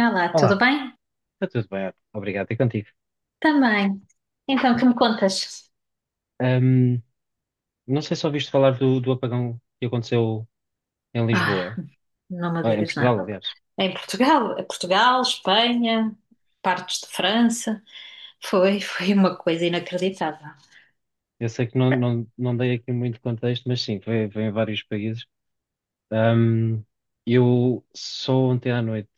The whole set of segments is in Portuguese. Olá, tudo Olá, bem? está tudo bem? Obrigado, e contigo? Também. Então, que me contas? Ahm, não sei se ouviste falar do apagão que aconteceu em Ah, Lisboa, não me em digas Portugal, nada. aliás. Em Portugal, Portugal, Espanha, partes de França, foi, foi uma coisa inacreditável. Eu sei que não dei aqui muito contexto, mas sim, foi em vários países. Ahm, eu só ontem à noite,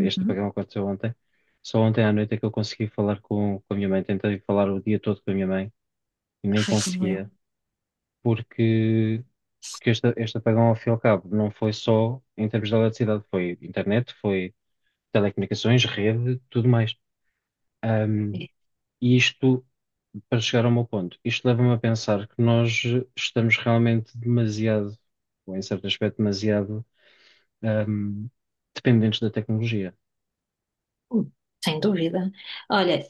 este apagão aconteceu ontem, só ontem à noite é que eu consegui falar com a minha mãe. Tentei falar o dia todo com a minha mãe e nem Foi como eu. conseguia, porque este apagão, ao fim e ao cabo, não foi só em termos de eletricidade, foi internet, foi telecomunicações, rede, tudo mais. Ahm, É. e isto, para chegar ao meu ponto, isto leva-me a pensar que nós estamos realmente demasiado, ou em certo aspecto, demasiado, ahm, dependentes da tecnologia. Hum. Sem dúvida. Olha,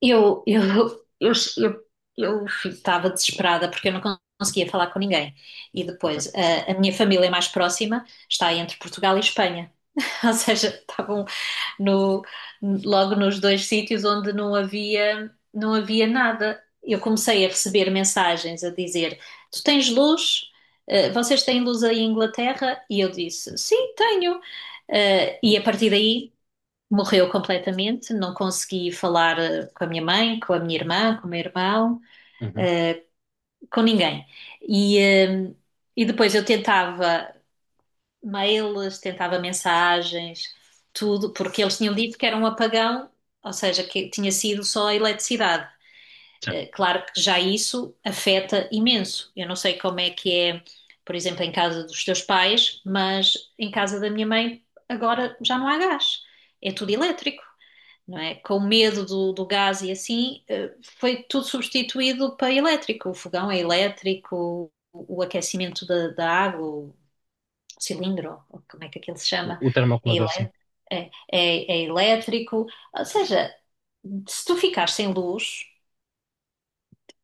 eu eu eu eu estava desesperada porque eu não conseguia falar com ninguém. E Ok. depois, a minha família mais próxima está entre Portugal e Espanha. Ou seja, estavam no- logo nos dois sítios onde não havia nada. Eu comecei a receber mensagens a dizer: Tu tens luz? Vocês têm luz aí em Inglaterra? E eu disse: Sim, tenho. E a partir daí morreu completamente. Não consegui falar com a minha mãe, com a minha irmã, com o meu irmão, Uhum. eh, com ninguém. E, eh, e depois eu tentava mails, tentava mensagens, tudo, porque eles tinham dito que era um apagão, ou seja, que tinha sido só a eletricidade. Certo. Claro que já isso afeta imenso. Eu não sei como é que é, por exemplo, em casa dos teus pais, mas em casa da minha mãe agora já não há gás, é tudo elétrico. Não é? Com medo do gás e assim, foi tudo substituído para elétrico. O fogão é elétrico, o aquecimento da água, cilindro, ou como é que aquilo se O, chama, o é, termoacumulador, sim. elé- é elétrico. Ou seja, se tu ficares sem luz,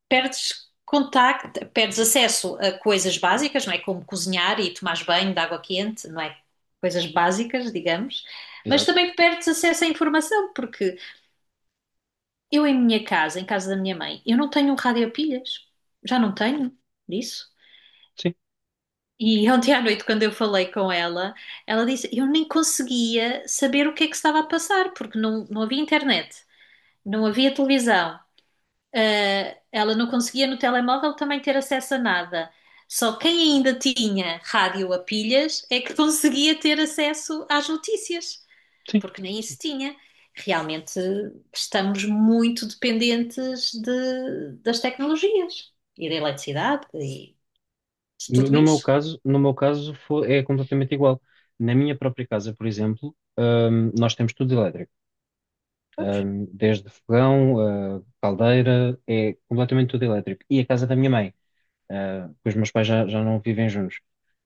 perdes contacto, perdes acesso a coisas básicas, não é? Como cozinhar e tomar banho de água quente, não é? Coisas básicas, digamos. Mas Exato. também perdes acesso à informação, porque eu em minha casa, em casa da minha mãe, eu não tenho um rádio a pilhas. Já não tenho disso. Sim, E ontem à noite, quando eu falei com ela, ela disse: Eu nem conseguia saber o que é que estava a passar, porque não havia internet, não havia televisão, ela não conseguia no telemóvel também ter acesso a nada. Só quem ainda tinha rádio a pilhas é que conseguia ter acesso às notícias, sim. porque nem Sim. isso tinha. Realmente estamos muito dependentes das tecnologias e da eletricidade e de No, tudo no meu isso. caso, é completamente igual. Na minha própria casa, por exemplo, nós temos tudo elétrico. Pois. Desde fogão, caldeira, é completamente tudo elétrico. E a casa da minha mãe, porque os meus pais já não vivem juntos,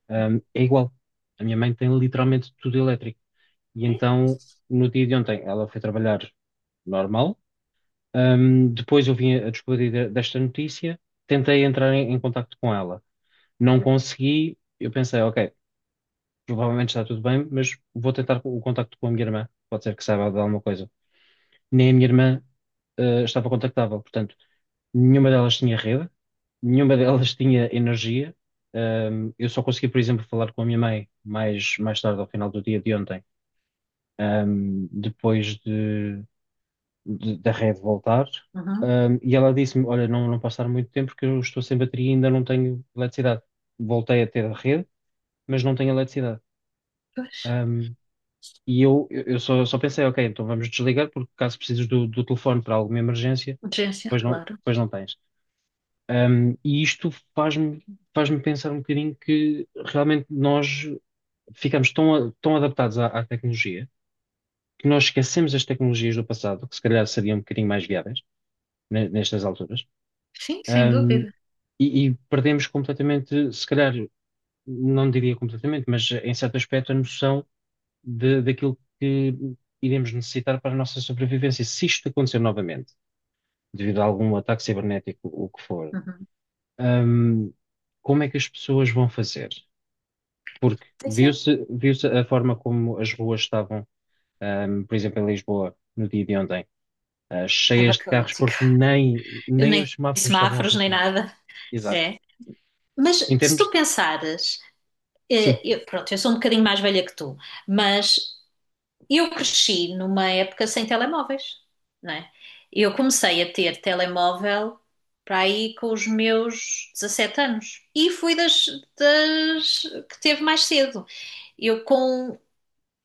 é igual. A minha mãe tem literalmente tudo elétrico. E então, no dia de ontem, ela foi trabalhar normal. Depois eu vim a descobrir desta notícia, tentei entrar em contacto com ela. Não consegui, eu pensei, ok, provavelmente está tudo bem, mas vou tentar o contacto com a minha irmã. Pode ser que saiba de alguma coisa. Nem a minha irmã, estava contactável, portanto, nenhuma delas tinha rede, nenhuma delas tinha energia. Eu só consegui, por exemplo, falar com a minha mãe mais tarde, ao final do dia de ontem, depois da rede voltar. Uhum. E ela disse-me: Olha, não passar muito tempo porque eu estou sem bateria e ainda não tenho eletricidade. Voltei a ter a rede, mas não tenho eletricidade. Pois, Ahm, e eu só pensei: Ok, então vamos desligar porque caso precises do telefone para alguma emergência, urgência, claro. depois não tens. E isto faz-me pensar um bocadinho que realmente nós ficamos tão, tão adaptados à tecnologia que nós esquecemos as tecnologias do passado, que se calhar seriam um bocadinho mais viáveis nestas alturas, Sim, sem um, dúvida. e perdemos completamente, se calhar, não diria completamente, mas em certo aspecto, a noção de, daquilo que iremos necessitar para a nossa sobrevivência. Se isto acontecer novamente, devido a algum ataque cibernético, o que for, Uhum. um, como é que as pessoas vão fazer? Porque Pois é, viu-se a forma como as ruas estavam, por exemplo, em Lisboa, no dia de ontem, estava cheias de carros, caótico. porque Eu nem os nem semáforos estavam a semáforos, nem funcionar. nada. Exato. É. Em Mas se tu termos, pensares, sim, pronto, eu sou um bocadinho mais velha que tu, mas eu cresci numa época sem telemóveis, não é? Eu comecei a ter telemóvel para aí com os meus 17 anos e fui das que teve mais cedo. Eu com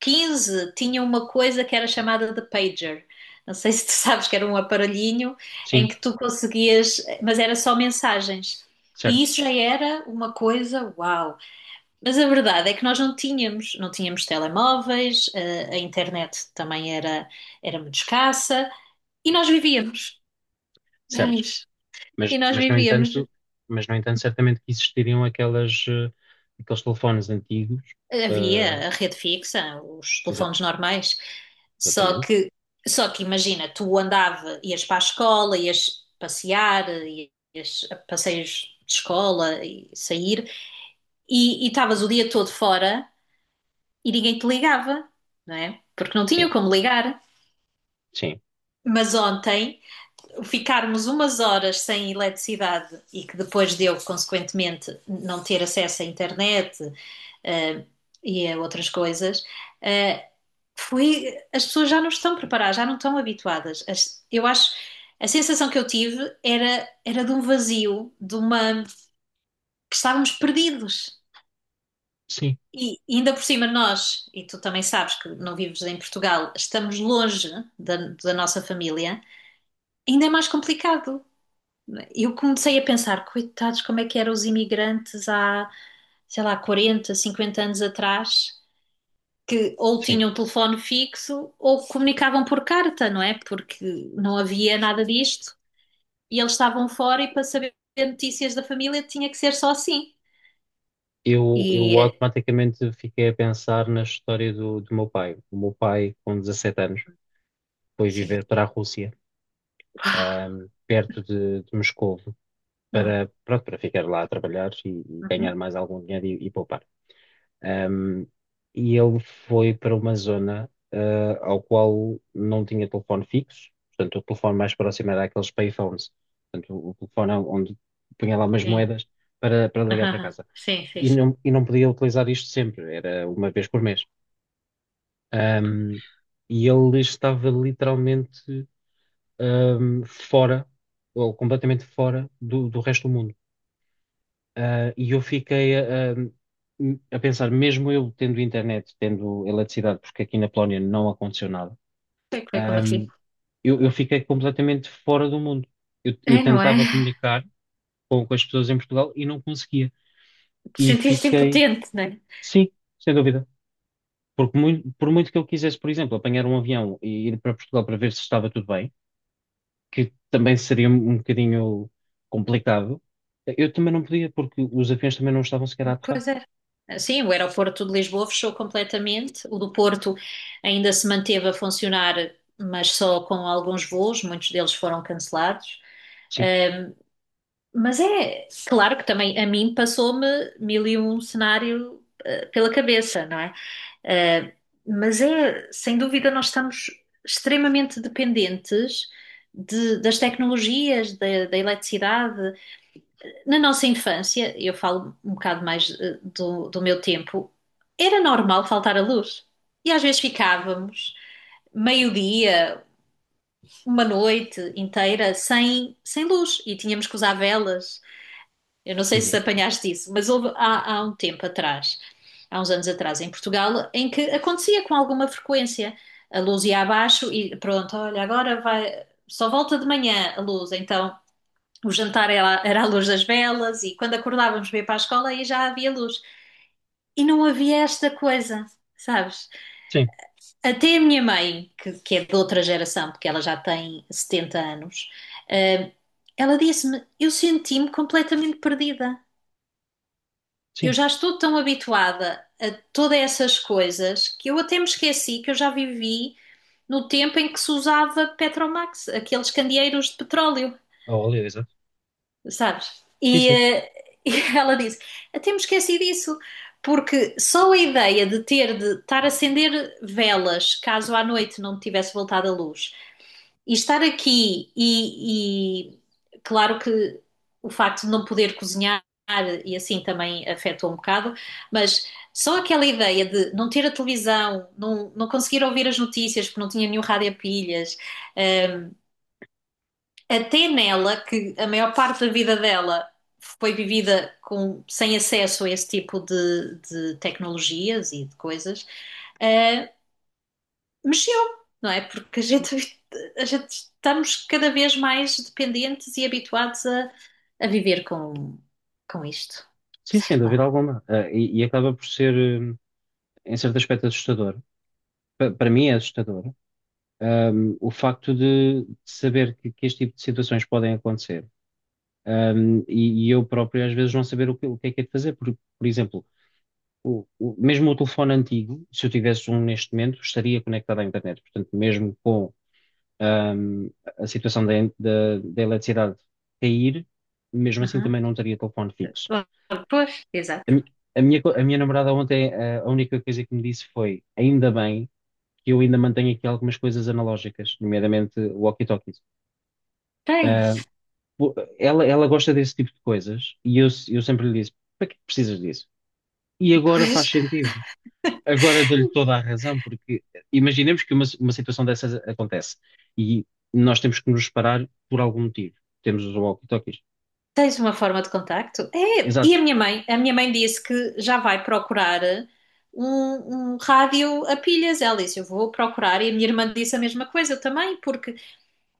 15 tinha uma coisa que era chamada de pager. Não sei se tu sabes que era um aparelhinho em sim, que tu conseguias, mas era só mensagens. E certo, isso já era uma coisa, uau! Mas a verdade é que nós não tínhamos telemóveis, a internet também era muito escassa e nós vivíamos. certo. Mas- E Mas, nós mas no vivíamos. entanto, mas no entanto, certamente que existiriam aquelas, aqueles telefones antigos. ah, Havia a rede fixa, os exato, telefones normais, só exatamente. que, só que imagina, tu andava, ias para a escola, ias passear, ias a passeios de escola e sair, e estavas o dia todo fora e ninguém te ligava, não é? Porque não tinham Sim, como ligar. sim, Mas ontem, ficarmos umas horas sem eletricidade e que depois deu, consequentemente, não ter acesso à internet, eh, e a outras coisas, eh, foi, as pessoas já não estão preparadas, já não estão habituadas. Eu acho, a sensação que eu tive era de um vazio, de uma, que estávamos perdidos. sim, E ainda por cima nós, e tu também sabes que não vives em Portugal, estamos longe da, da nossa família, ainda é mais complicado. Eu comecei a pensar, coitados, como é que eram os imigrantes há, sei lá, 40, 50 anos atrás? Que ou sim. tinham o telefone fixo ou comunicavam por carta, não é? Porque não havia nada disto e eles estavam fora e para saber notícias da família tinha que ser só assim. Eu E automaticamente fiquei a pensar na história do meu pai. O meu pai, com 17 anos, foi sim. viver para a Rússia, perto de Moscovo, Ah, para, pronto, para ficar lá a trabalhar e ganhar uhum. mais algum dinheiro e poupar. Ahm, e ele foi para uma zona, ao qual não tinha telefone fixo, portanto, o telefone mais próximo era aqueles payphones, portanto, o telefone é onde punha lá umas Sim. moedas para ligar para Ah, casa. sim, sim. E não podia utilizar isto sempre, era uma vez por mês. Ahm, e ele estava literalmente fora, ou completamente fora do resto do mundo. E eu fiquei a pensar, mesmo eu tendo internet, tendo eletricidade, porque aqui na Polónia não aconteceu nada, Foi como aqui. ahm, eu fiquei completamente fora do mundo. Eu É, não é? tentava comunicar com as pessoas em Portugal e não conseguia. Te E sentiste fiquei, impotente, não é? sim, sem dúvida. Porque por muito que eu quisesse, por exemplo, apanhar um avião e ir para Portugal para ver se estava tudo bem, que também seria um bocadinho complicado. Eu também não podia, porque os aviões também não estavam sequer a aterrar. Pois é. Sim, o aeroporto de Lisboa fechou completamente. O do Porto ainda se manteve a funcionar, mas só com alguns voos, muitos deles foram cancelados. Sim, Mas é claro que também a mim passou-me mil e um cenário pela cabeça, não é? Eh, mas é, sem dúvida, nós estamos extremamente dependentes das tecnologias, da eletricidade. Na nossa infância, eu falo um bocado mais do meu tempo, era normal faltar a luz. E às vezes ficávamos meio-dia, uma noite inteira sem luz e tínhamos que usar velas. Eu não sei se uhum. apanhaste isso, mas houve há um tempo atrás, há uns anos atrás, em Portugal, em que acontecia com alguma frequência. A luz ia abaixo e pronto, olha, agora vai, só volta de manhã a luz. Então o jantar era a luz das velas e quando acordávamos para ir para a escola aí já havia luz. E não havia esta coisa, sabes? Sim, Até a minha mãe, que é de outra geração, porque ela já tem 70 anos, eh, ela disse-me: Eu senti-me completamente perdida. Eu sim, já estou tão habituada a todas essas coisas que eu até me esqueci que eu já vivi no tempo em que se usava Petromax, aqueles candeeiros de petróleo, a óleo, exato. sabes? Sim, sim, E ela disse: Até me esqueci disso, porque só a ideia de ter de estar a acender velas caso à noite não tivesse voltado a luz. E estar aqui e claro que o facto de não poder cozinhar e assim também afetou um bocado, mas só aquela ideia de não ter a televisão, não conseguir ouvir as notícias porque não tinha nenhum rádio a pilhas, até nela, que a maior parte da vida dela foi vivida com, sem acesso a esse tipo de tecnologias e de coisas. eh, Mexeu, não é? Porque a sim, gente, a gente estamos cada vez mais dependentes e habituados a viver com isto. sim, Sei sem lá. dúvida alguma. E acaba por ser, hum, em certo aspecto, assustador. Para mim é assustador, o facto de saber que este tipo de situações podem acontecer. E eu próprio, às vezes, não saber o que é que é de fazer. Por exemplo, mesmo o telefone antigo, se eu tivesse um neste momento, estaria conectado à internet. Portanto, mesmo com ahm, a situação da eletricidade cair, mesmo assim Aham. também não teria telefone fixo. Pois, A, exato. mi- a minha, co- a minha namorada ontem, a única coisa que me disse foi, ainda bem que eu ainda mantenho aqui algumas coisas analógicas, nomeadamente walkie-talkies. Ah, Tens, po- ela gosta desse tipo de coisas e eu sempre lhe disse, para que precisas disso? E agora faz pois, sentido. Agora dou-lhe toda a razão, porque imaginemos que uma situação dessas acontece e nós temos que nos separar por algum motivo. Temos os walkie-talkies. tens uma forma de contacto. É, e a Exato, minha mãe, a minha mãe disse que já vai procurar um rádio a pilhas. Ela disse, eu vou procurar, e a minha irmã disse a mesma coisa também, porque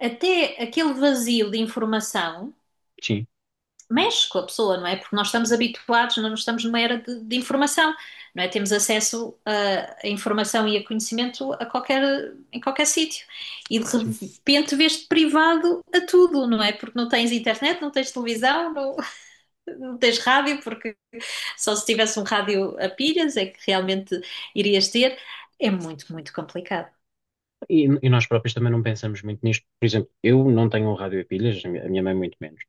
até aquele vazio de informação sim, mexe com a pessoa, não é? Porque nós estamos habituados, nós estamos numa era de informação, não é? Temos acesso a informação e a conhecimento a qualquer, em qualquer sítio. E de sim. repente vês-te privado a tudo, não é? Porque não tens internet, não tens televisão, não tens rádio, porque só se tivesse um rádio a pilhas é que realmente irias ter. É muito, muito complicado. E, e nós próprios também não pensamos muito nisto. Por exemplo, eu não tenho um rádio a pilhas, a minha mãe muito menos.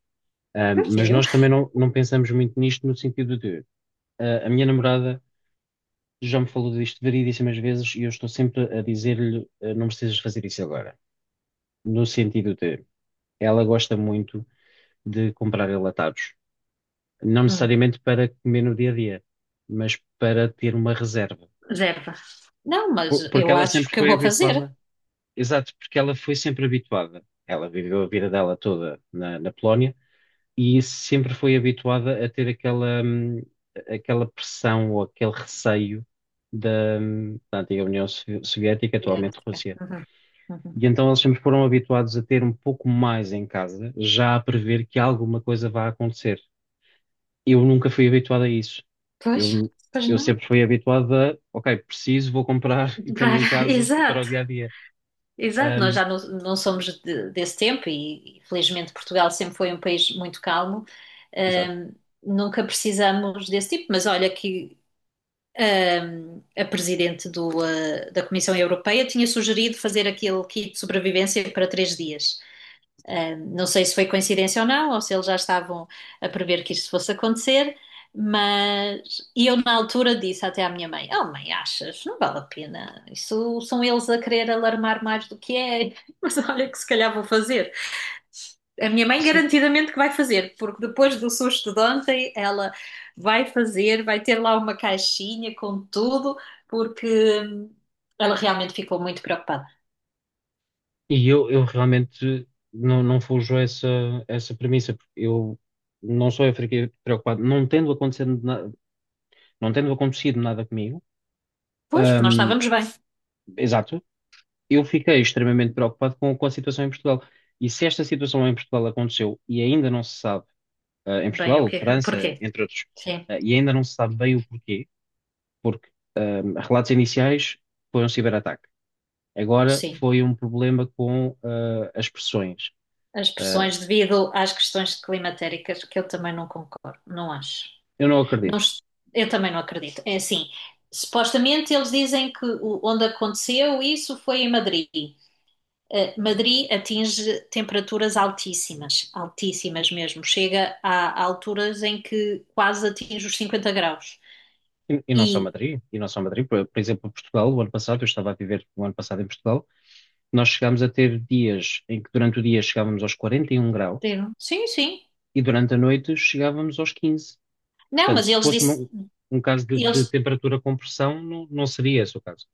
Pois Mas sim, eu. nós também não pensamos muito nisto no sentido de a minha namorada já me falou disto variedíssimas vezes e eu estou sempre a dizer-lhe não precisas fazer isso agora. No sentido de ela gosta muito de comprar enlatados. Não Hum, necessariamente para comer no dia a dia, mas para ter uma reserva. verba. Não, mas Porque eu ela acho sempre que eu foi vou fazer. habituada, exato, porque ela foi sempre habituada. Ela viveu a vida dela toda na Polónia e sempre foi habituada a ter aquela pressão ou aquele receio da antiga União Soviética, Yeah. atualmente Rússia. Uhum, uhum. E então eles sempre foram habituados a ter um pouco mais em casa, já a prever que alguma coisa vá acontecer. Eu nunca fui habituado a isso. Pois, Eu, pois eu não. sempre fui habituado a, ok, preciso, vou comprar e tenho em casa para o Exato, dia a dia. exato. Nós Ahm, já não somos desse tempo e, felizmente, Portugal sempre foi um país muito calmo. Exato. Ahm, Nunca precisamos desse tipo, mas olha que a presidente da Comissão Europeia tinha sugerido fazer aquele kit de sobrevivência para 3 dias. Não sei se foi coincidência ou não, ou se eles já estavam a prever que isto fosse acontecer, mas e eu na altura disse até à minha mãe: Oh, mãe, achas? Não vale a pena. Isso são eles a querer alarmar mais do que é. Mas olha que se calhar vou fazer. A minha mãe Sim, garantidamente que vai fazer, porque depois do susto de ontem, ela vai fazer, vai ter lá uma caixinha com tudo, porque ela realmente ficou muito preocupada. e eu realmente não fujo a essa premissa, porque eu não só eu fiquei preocupado, não tendo acontecido nada, não tendo acontecido nada comigo, Pois, nós ahm, estávamos bem. exato, eu fiquei extremamente preocupado com a situação em Portugal. E se esta situação em Portugal aconteceu e ainda não se sabe em Bem, o Portugal, quê? França, Porquê? entre outros. Sim, E ainda não se sabe bem o porquê, porque relatos iniciais foi um ciberataque. Agora sim. foi um problema com as pressões. As Eh, pressões devido às questões climatéricas, que eu também não concordo, não acho. eu não Não, acredito. eu também não acredito. É assim, supostamente eles dizem que onde aconteceu isso foi em Madrid. Madrid atinge temperaturas altíssimas, altíssimas mesmo. Chega a alturas em que quase atinge os 50 graus. E não só E, Madrid, e não só Madrid. Por exemplo, Portugal, o ano passado, eu estava a viver o ano passado em Portugal, nós chegámos a ter dias em que durante o dia chegávamos aos 41 graus sim, sim. e durante a noite chegávamos aos 15. Não, Portanto, mas se eles, fosse disse, um caso de eles. temperatura com pressão, não seria esse o caso.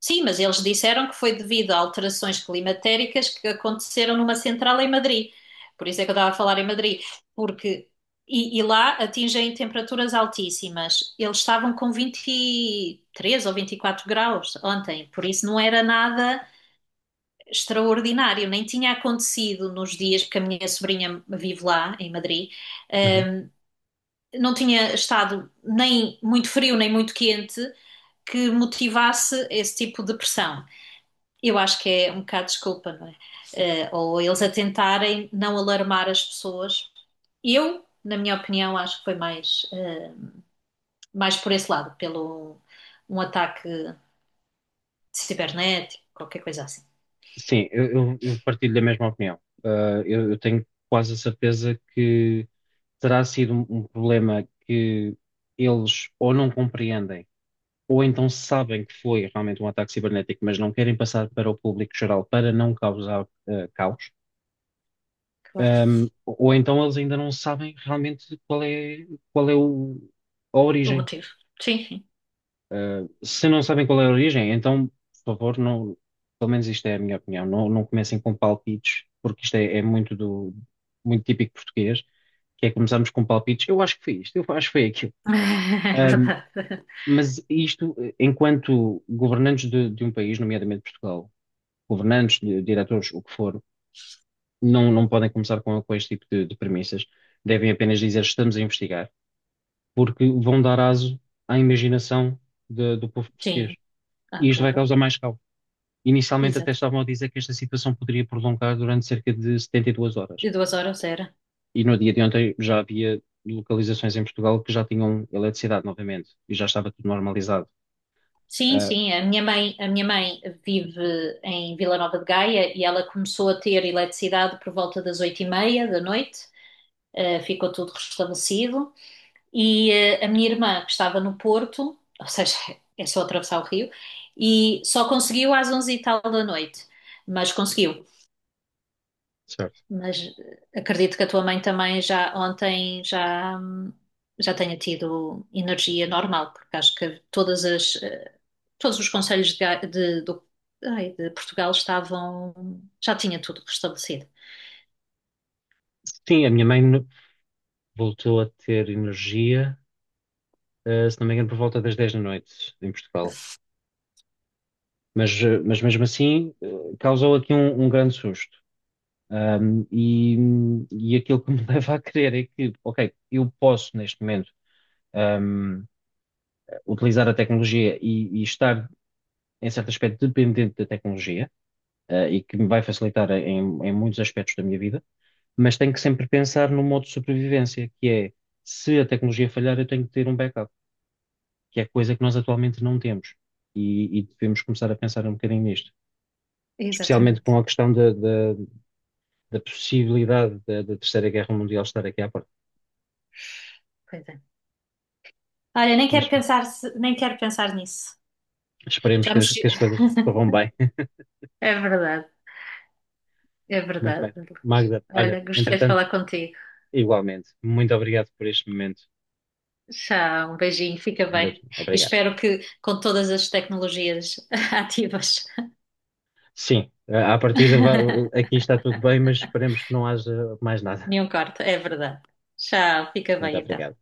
Sim, mas eles disseram que foi devido a alterações climatéricas que aconteceram numa central em Madrid. Por isso é que eu estava a falar em Madrid, porque e lá atingem temperaturas altíssimas. Eles estavam com 23 ou 24 graus ontem, por isso não era nada extraordinário, nem tinha acontecido nos dias, porque a minha sobrinha vive lá em Madrid, Uhum. hum, não tinha estado nem muito frio nem muito quente que motivasse esse tipo de pressão. Eu acho que é um bocado desculpa, não é? Ou eles a tentarem não alarmar as pessoas. Eu, na minha opinião, acho que foi mais, por esse lado, pelo um ataque cibernético, qualquer coisa assim. Sim, eu partilho da mesma opinião. Eu tenho quase a certeza que terá sido um problema que eles ou não compreendem, ou então sabem que foi realmente um ataque cibernético, mas não querem passar para o público geral para não causar caos, Claro. ou então eles ainda não sabem realmente qual é, qual é o- a O origem. motivo. Sim, sim. Se não sabem qual é a origem, então, por favor, não, pelo menos isto é a minha opinião, não comecem com palpites, porque isto é muito muito típico português, que é começarmos com palpites. Eu acho que foi isto, eu acho que foi aquilo. É Ahm, verdade. mas isto, enquanto governantes de um país, nomeadamente Portugal, governantes, diretores, o que for, não podem começar com este tipo de premissas. Devem apenas dizer estamos a investigar, porque vão dar aso à imaginação do povo português. Sim. Ah, E isto vai claro. causar mais caos. Inicialmente até Exato. estavam a dizer que esta situação poderia prolongar durante cerca de 72 horas. De 2 horas era. E no dia de ontem já havia localizações em Portugal que já tinham eletricidade novamente e já estava tudo normalizado. Sim, Ah, sim. A minha mãe vive em Vila Nova de Gaia e ela começou a ter eletricidade por volta das 8h30 da noite. Ficou tudo restabelecido. E a minha irmã, que estava no Porto, ou seja, é só atravessar o rio, e só conseguiu às 11 e tal da noite, mas conseguiu. certo. Mas acredito que a tua mãe também já ontem já tenha tido energia normal, porque acho que todos os conselhos de, Ga- de- do, ai, de Portugal estavam, já tinha tudo restabelecido. Sim, a minha mãe voltou a ter energia, se não me engano, por volta das 10 da noite em Portugal. Mas mesmo assim, causou aqui um grande susto. Ah, e, e aquilo que me leva a crer é que, ok, eu posso neste momento. ah, utilizar a tecnologia e estar, em certo aspecto, dependente da tecnologia, e que me vai facilitar em muitos aspectos da minha vida, mas tenho que sempre pensar no modo de sobrevivência, que é, se a tecnologia falhar, eu tenho que ter um backup, que é coisa que nós atualmente não temos. E devemos começar a pensar um bocadinho nisto, especialmente com Exatamente, a questão da possibilidade da Terceira Guerra Mundial estar aqui à porta. pois é. Olha, nem quero Mas pensar, nem quero pensar nisso. esperemos Já que mexi. as coisas corram bem. É verdade, é Muito bem. verdade. Magda, olha, Olha, gostei de entretanto, falar contigo. igualmente, muito obrigado por este momento. Tchau, um beijinho, fica Muito bem. E obrigado. espero que com todas as tecnologias ativas, Sim, à partida aqui está tudo bem, mas esperemos que não haja mais nada. nenhum corte, é verdade. Tchau, fica Muito bem então. obrigado.